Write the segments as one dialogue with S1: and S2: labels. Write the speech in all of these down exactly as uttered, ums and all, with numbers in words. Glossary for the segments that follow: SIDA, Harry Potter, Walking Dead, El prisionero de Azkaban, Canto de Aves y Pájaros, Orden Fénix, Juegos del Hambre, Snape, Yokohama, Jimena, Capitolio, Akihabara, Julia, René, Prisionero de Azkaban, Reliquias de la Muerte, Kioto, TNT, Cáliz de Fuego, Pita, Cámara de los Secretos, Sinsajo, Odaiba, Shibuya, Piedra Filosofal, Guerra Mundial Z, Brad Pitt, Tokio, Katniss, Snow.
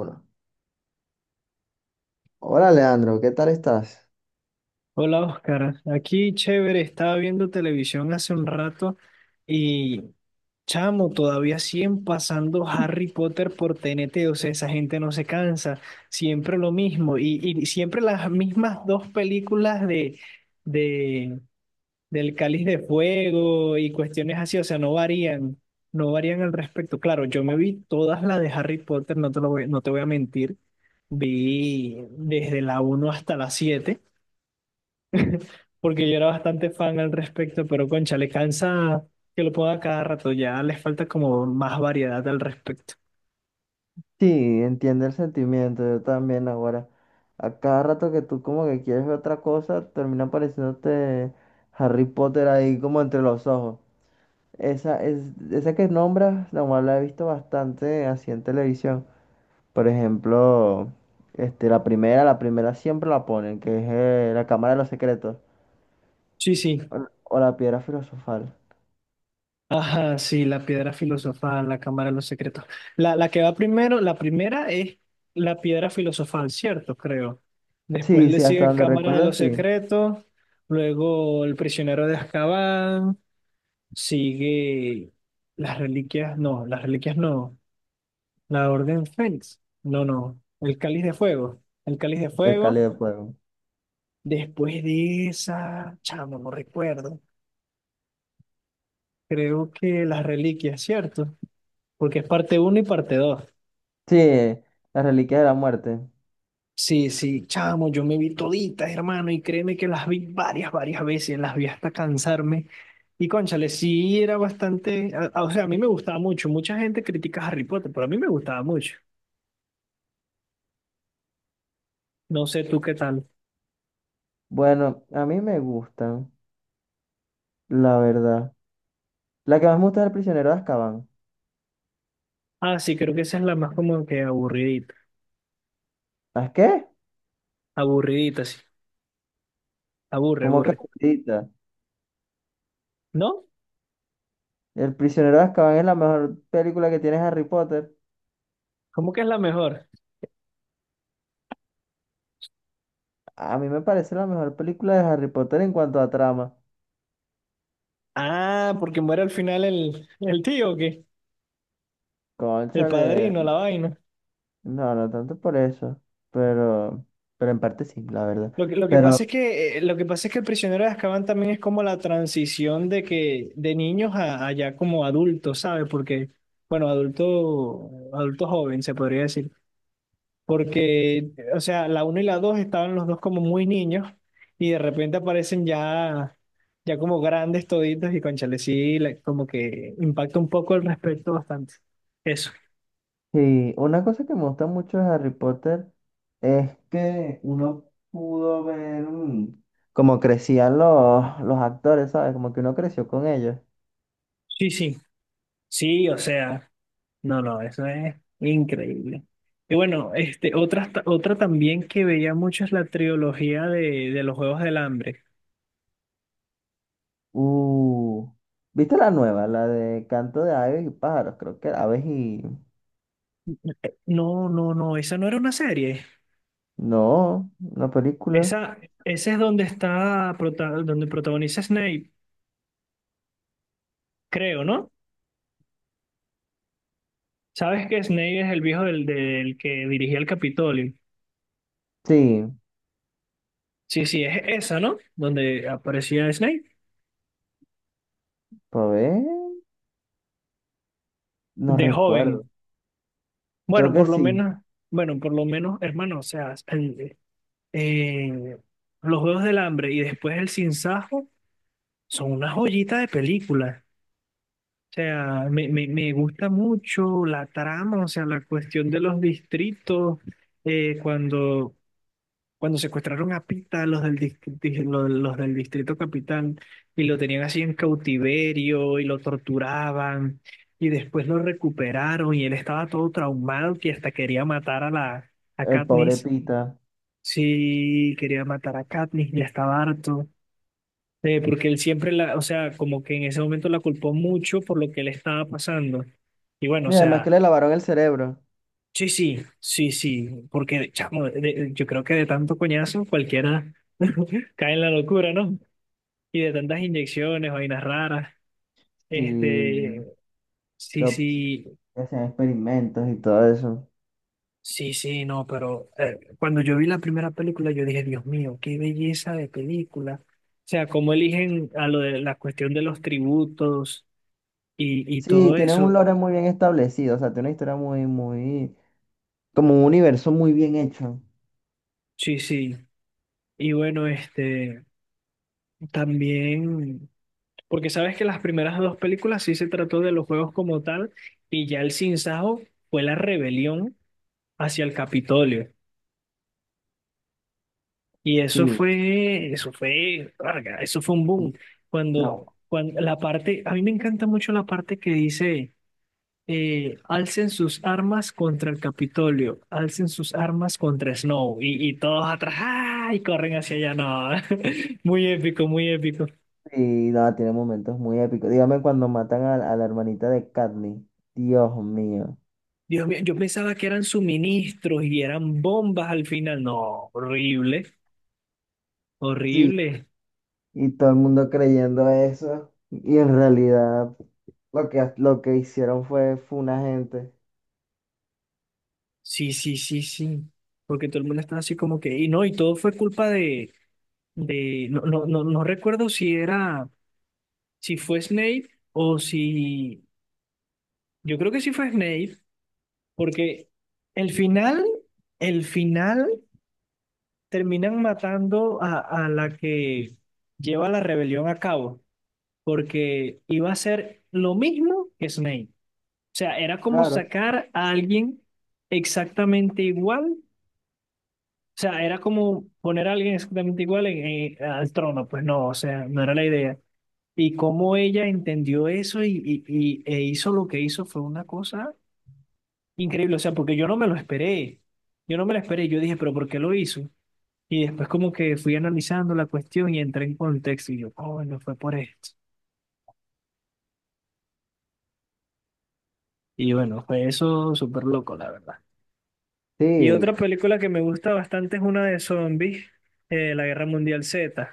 S1: Uno. Hola, Leandro, ¿qué tal estás?
S2: Hola Oscar, aquí chévere, estaba viendo televisión hace un rato y chamo, todavía siguen pasando Harry Potter por T N T, o sea, esa gente no se cansa, siempre lo mismo y, y siempre las mismas dos películas de, de, del Cáliz de Fuego y cuestiones así, o sea, no varían, no varían al respecto. Claro, yo me vi todas las de Harry Potter, no te lo voy, no te voy a mentir, vi desde la uno hasta la siete porque yo era bastante fan al respecto, pero concha, le cansa que lo ponga cada rato, ya les falta como más variedad al respecto.
S1: Sí, entiende el sentimiento, yo también ahora. A cada rato que tú como que quieres ver otra cosa, termina apareciéndote Harry Potter ahí como entre los ojos. Esa, es, esa que nombras, la cual la he visto bastante así en televisión. Por ejemplo, este, la primera, la primera siempre la ponen, que es eh, la Cámara de los Secretos
S2: Sí, sí.
S1: o, o la Piedra Filosofal.
S2: Ajá, sí, la piedra filosofal, la cámara de los secretos. La, la que va primero, la primera es la piedra filosofal, ¿cierto? Creo. Después
S1: Sí,
S2: le
S1: sí, hasta
S2: sigue
S1: donde
S2: Cámara de
S1: recuerdo,
S2: los
S1: sí,
S2: Secretos, luego El prisionero de Azkaban, sigue las reliquias, no, las reliquias no. La Orden Fénix. No, no. El Cáliz de Fuego. El Cáliz de
S1: el
S2: Fuego.
S1: Cáliz de Fuego.
S2: Después de esa, chamo, no recuerdo. Creo que las reliquias, ¿cierto? Porque es parte uno y parte dos.
S1: Sí, las reliquias de la muerte.
S2: Sí, sí, chamo, yo me vi toditas, hermano, y créeme que las vi varias, varias veces, las vi hasta cansarme. Y cónchale, sí era bastante, a- a- o sea, a mí me gustaba mucho. Mucha gente critica a Harry Potter, pero a mí me gustaba mucho. No sé tú qué tal.
S1: Bueno, a mí me gustan, la verdad. La que más me gusta es El prisionero de Azkaban.
S2: Ah, sí, creo que esa es la más como que aburridita,
S1: ¿Las qué?
S2: aburridita, sí. Aburre,
S1: ¿Cómo que
S2: aburre.
S1: gustita?
S2: ¿No?
S1: El prisionero de Azkaban es la mejor película que tiene Harry Potter.
S2: ¿Cómo que es la mejor?
S1: A mí me parece la mejor película de Harry Potter en cuanto a trama.
S2: Ah, porque muere al final el, el tío, que el
S1: Cónchale,
S2: padrino, la vaina.
S1: no, no tanto por eso, pero, pero en parte sí, la verdad.
S2: Lo que, lo que pasa es
S1: Pero
S2: que, eh, lo que pasa es que el prisionero de Azkaban también es como la transición de que, de niños a, a ya como adultos, ¿sabes? Porque, bueno, adulto, adulto joven, se podría decir. Porque, o sea, la uno y la dos estaban los dos como muy niños y de repente aparecen ya, ya como grandes toditos y cónchale, sí, la- como que impacta un poco el respeto bastante. Eso.
S1: sí, una cosa que me gusta mucho de Harry Potter es que uno pudo ver mm, cómo crecían los, los actores, ¿sabes? Como que uno creció con ellos.
S2: Sí, sí. Sí, o sea, no, no, eso es increíble. Y bueno, este, otra, otra también que veía mucho es la trilogía de, de los Juegos del Hambre.
S1: Uh, ¿viste la nueva? La de Canto de Aves y Pájaros, creo que era Aves y...
S2: No, no, no, esa no era una serie.
S1: No, una película.
S2: Esa, esa es donde está, prota- donde protagoniza Snape, creo, ¿no? ¿Sabes que Snape es el viejo del, del que dirigía el Capitolio?
S1: Sí,
S2: Sí, sí, es esa, ¿no? Donde aparecía Snape
S1: ¿por ver? No
S2: de
S1: recuerdo.
S2: joven.
S1: Creo
S2: Bueno,
S1: que
S2: por lo
S1: sí,
S2: menos, bueno, por lo menos, hermano, o sea, el- eh, los Juegos del Hambre y después el Sinsajo son una joyita de película. O sea, me, me, me gusta mucho la trama, o sea, la cuestión de los distritos, eh, cuando cuando secuestraron a Pita, los del, dis- di- lo- los del Distrito Capital, y lo tenían así en cautiverio y lo torturaban, y después lo recuperaron y él estaba todo traumado que hasta quería matar a la a
S1: el pobre
S2: Katniss.
S1: Pita.
S2: Sí, quería matar a Katniss, ya estaba harto. Eh, porque él siempre la, o sea, como que en ese momento la culpó mucho por lo que le estaba pasando. Y bueno,
S1: Y
S2: o
S1: además que
S2: sea,
S1: le lavaron el cerebro.
S2: sí, sí, sí, sí, porque chamo, de- de- yo creo que de tanto coñazo cualquiera cae en la locura, ¿no? Y de tantas inyecciones, vainas raras,
S1: Sí,
S2: este,
S1: que
S2: sí,
S1: op-
S2: sí,
S1: que hacían experimentos y todo eso.
S2: sí, sí, no, pero eh, cuando yo vi la primera película yo dije, Dios mío, qué belleza de película. O sea, cómo eligen a lo de la cuestión de los tributos y, y
S1: Sí,
S2: todo
S1: tienen un
S2: eso,
S1: lore muy bien establecido, o sea, tiene una historia muy, muy... Como un universo muy bien hecho.
S2: sí, sí. Y bueno, este, también... Porque sabes que las primeras dos películas sí se trató de los juegos como tal, y ya el sinsajo fue la rebelión hacia el Capitolio. Y eso
S1: Sí.
S2: fue, eso fue, verga, eso fue un boom.
S1: No,
S2: Cuando, cuando la parte, a mí me encanta mucho la parte que dice, eh, alcen sus armas contra el Capitolio, alcen sus armas contra Snow, y, y todos atrás, ¡ah! Y corren hacia allá, no, muy épico, muy épico.
S1: sí nada, tiene momentos muy épicos. Dígame cuando matan a, a la hermanita de Katniss. Dios mío.
S2: Dios mío, yo pensaba que eran suministros y eran bombas al final. No, horrible,
S1: Sí.
S2: horrible.
S1: Y todo el mundo creyendo eso. Y en realidad lo que, lo que hicieron fue, fue una gente.
S2: Sí, sí, sí, sí. Porque todo el mundo estaba así como que, y no, y todo fue culpa de, de, no, no, no, no recuerdo si era, si fue Snape o si, yo creo que sí fue Snape, porque el final, el final terminan matando a, a la que lleva la rebelión a cabo, porque iba a ser lo mismo que Snape. O sea, era como
S1: Claro.
S2: sacar a alguien exactamente igual. O sea, era como poner a alguien exactamente igual en- en- al trono. Pues no, o sea, no era la idea. Y cómo ella entendió eso y, y, y- e hizo lo que hizo fue una cosa increíble. O sea, porque yo no me lo esperé. Yo no me lo esperé. Yo dije, pero ¿por qué lo hizo? Y después como que fui analizando la cuestión y entré en contexto y yo, oh, no fue por esto. Y bueno, fue eso súper loco, la verdad. Y
S1: Sí.
S2: otra película que me gusta bastante es una de zombies, eh, La Guerra Mundial Z.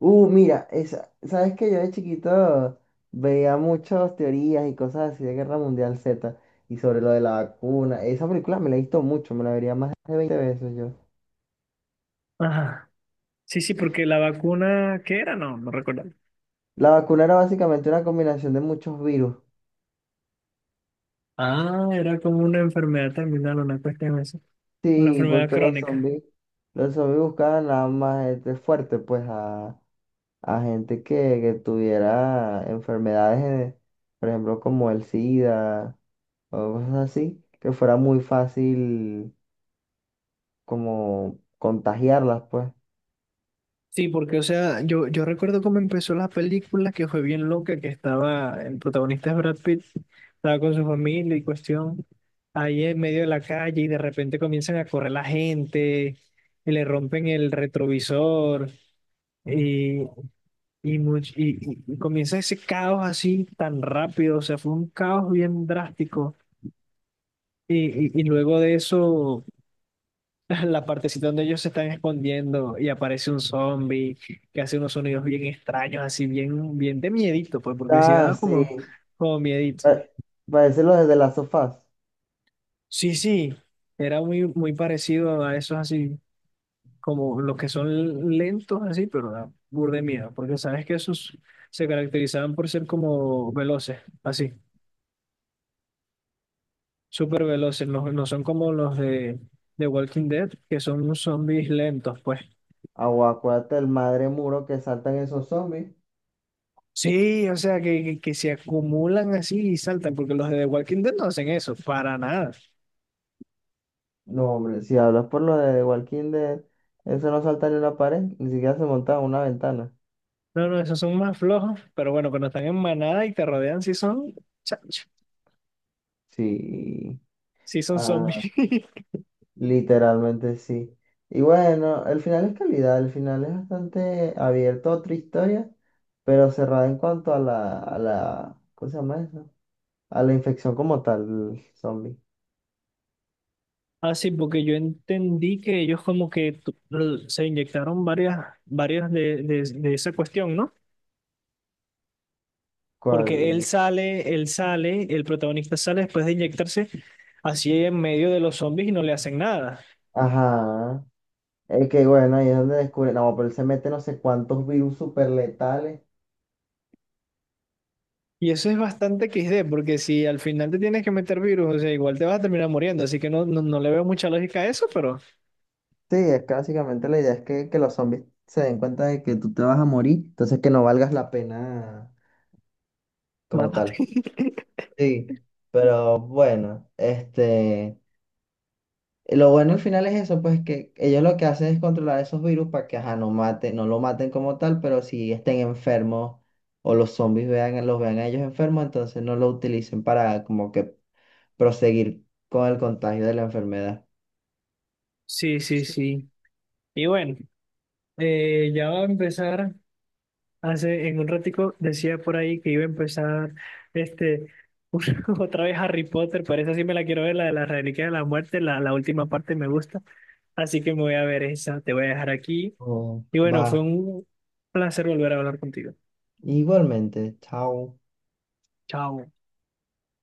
S1: Uh, mira, esa, ¿sabes que yo de chiquito veía muchas teorías y cosas así de Guerra Mundial Z y sobre lo de la vacuna? Esa película me la he visto mucho, me la vería más de veinte veces yo.
S2: Ajá. Sí, sí, porque la vacuna, ¿qué era? No, no recuerdo.
S1: La vacuna era básicamente una combinación de muchos virus.
S2: Ah, era como una enfermedad terminal, una cuestión así. Una
S1: Sí,
S2: enfermedad
S1: porque los
S2: crónica.
S1: zombies, los zombies buscaban nada más gente fuerte, pues a, a gente que, que tuviera enfermedades, eh, por ejemplo, como el SIDA o cosas así, que fuera muy fácil como contagiarlas, pues.
S2: Sí, porque, o sea, yo, yo recuerdo cómo empezó la película, que fue bien loca, que estaba, el protagonista es Brad Pitt, estaba con su familia y cuestión, ahí en medio de la calle y de repente comienzan a correr la gente, y le rompen el retrovisor y, Y, much- y, y- y comienza ese caos así tan rápido, o sea, fue un caos bien drástico. Y, y, y luego de eso, la partecita donde ellos se están escondiendo y aparece un zombie que hace unos sonidos bien extraños, así bien, bien de miedito, pues, porque sí
S1: Ah,
S2: daba como,
S1: sí.
S2: como miedito.
S1: Pa- Parece los de las sofás.
S2: Sí, sí, era muy, muy parecido a esos así, como los que son lentos así, pero da burda de miedo, porque sabes que esos se caracterizaban por ser como veloces, así. Súper veloces, no, no son como los de, de Walking Dead, que son zombies lentos, pues.
S1: Aguacuate, el madre muro que saltan esos zombies.
S2: Sí, o sea, que, que, que se acumulan así y saltan, porque los de The Walking Dead no hacen eso, para nada.
S1: No, hombre, si hablas por lo de Walking Dead, eso no salta ni una pared, ni siquiera se monta en una ventana.
S2: No, no, esos son más flojos, pero bueno, cuando están en manada y te rodean, sí son, chacho,
S1: Sí,
S2: sí son zombies.
S1: ah, literalmente sí. Y bueno, el final es calidad, el final es bastante abierto a otra historia, pero cerrada en cuanto a la, a la, ¿cómo se llama eso? A la infección como tal, zombie.
S2: Ah, sí, porque yo entendí que ellos como que tu- se inyectaron varias, varias de, de, de esa cuestión, ¿no? Porque él
S1: ¿Cuál?
S2: sale, él sale, el protagonista sale después de inyectarse así en medio de los zombies y no le hacen nada.
S1: Ajá. Es que bueno, ahí es donde descubre, no, pero él se mete no sé cuántos virus super letales.
S2: Y eso es bastante equis de, porque si al final te tienes que meter virus, o sea, igual te vas a terminar muriendo. Así que no, no, no le veo mucha lógica a eso, pero
S1: Sí, es que básicamente la idea es que, que los zombies se den cuenta de que tú te vas a morir, entonces que no valgas la pena como
S2: mátate.
S1: tal. Sí, pero bueno, este, lo bueno al final es eso, pues que ellos lo que hacen es controlar esos virus para que, ajá, no maten, no lo maten como tal, pero si estén enfermos o los zombies vean, los vean a ellos enfermos, entonces no lo utilicen para como que proseguir con el contagio de la enfermedad.
S2: Sí, sí,
S1: Sí.
S2: sí. Y bueno, eh, ya va a empezar. Hace en un ratico decía por ahí que iba a empezar este una- otra vez Harry Potter, pero esa sí me la quiero ver, la de la Reliquia de la Muerte, la, la última parte me gusta, así que me voy a ver esa, te voy a dejar aquí.
S1: Oh,
S2: Y
S1: va,
S2: bueno, fue un placer volver a hablar contigo.
S1: igualmente, chao.
S2: Chao.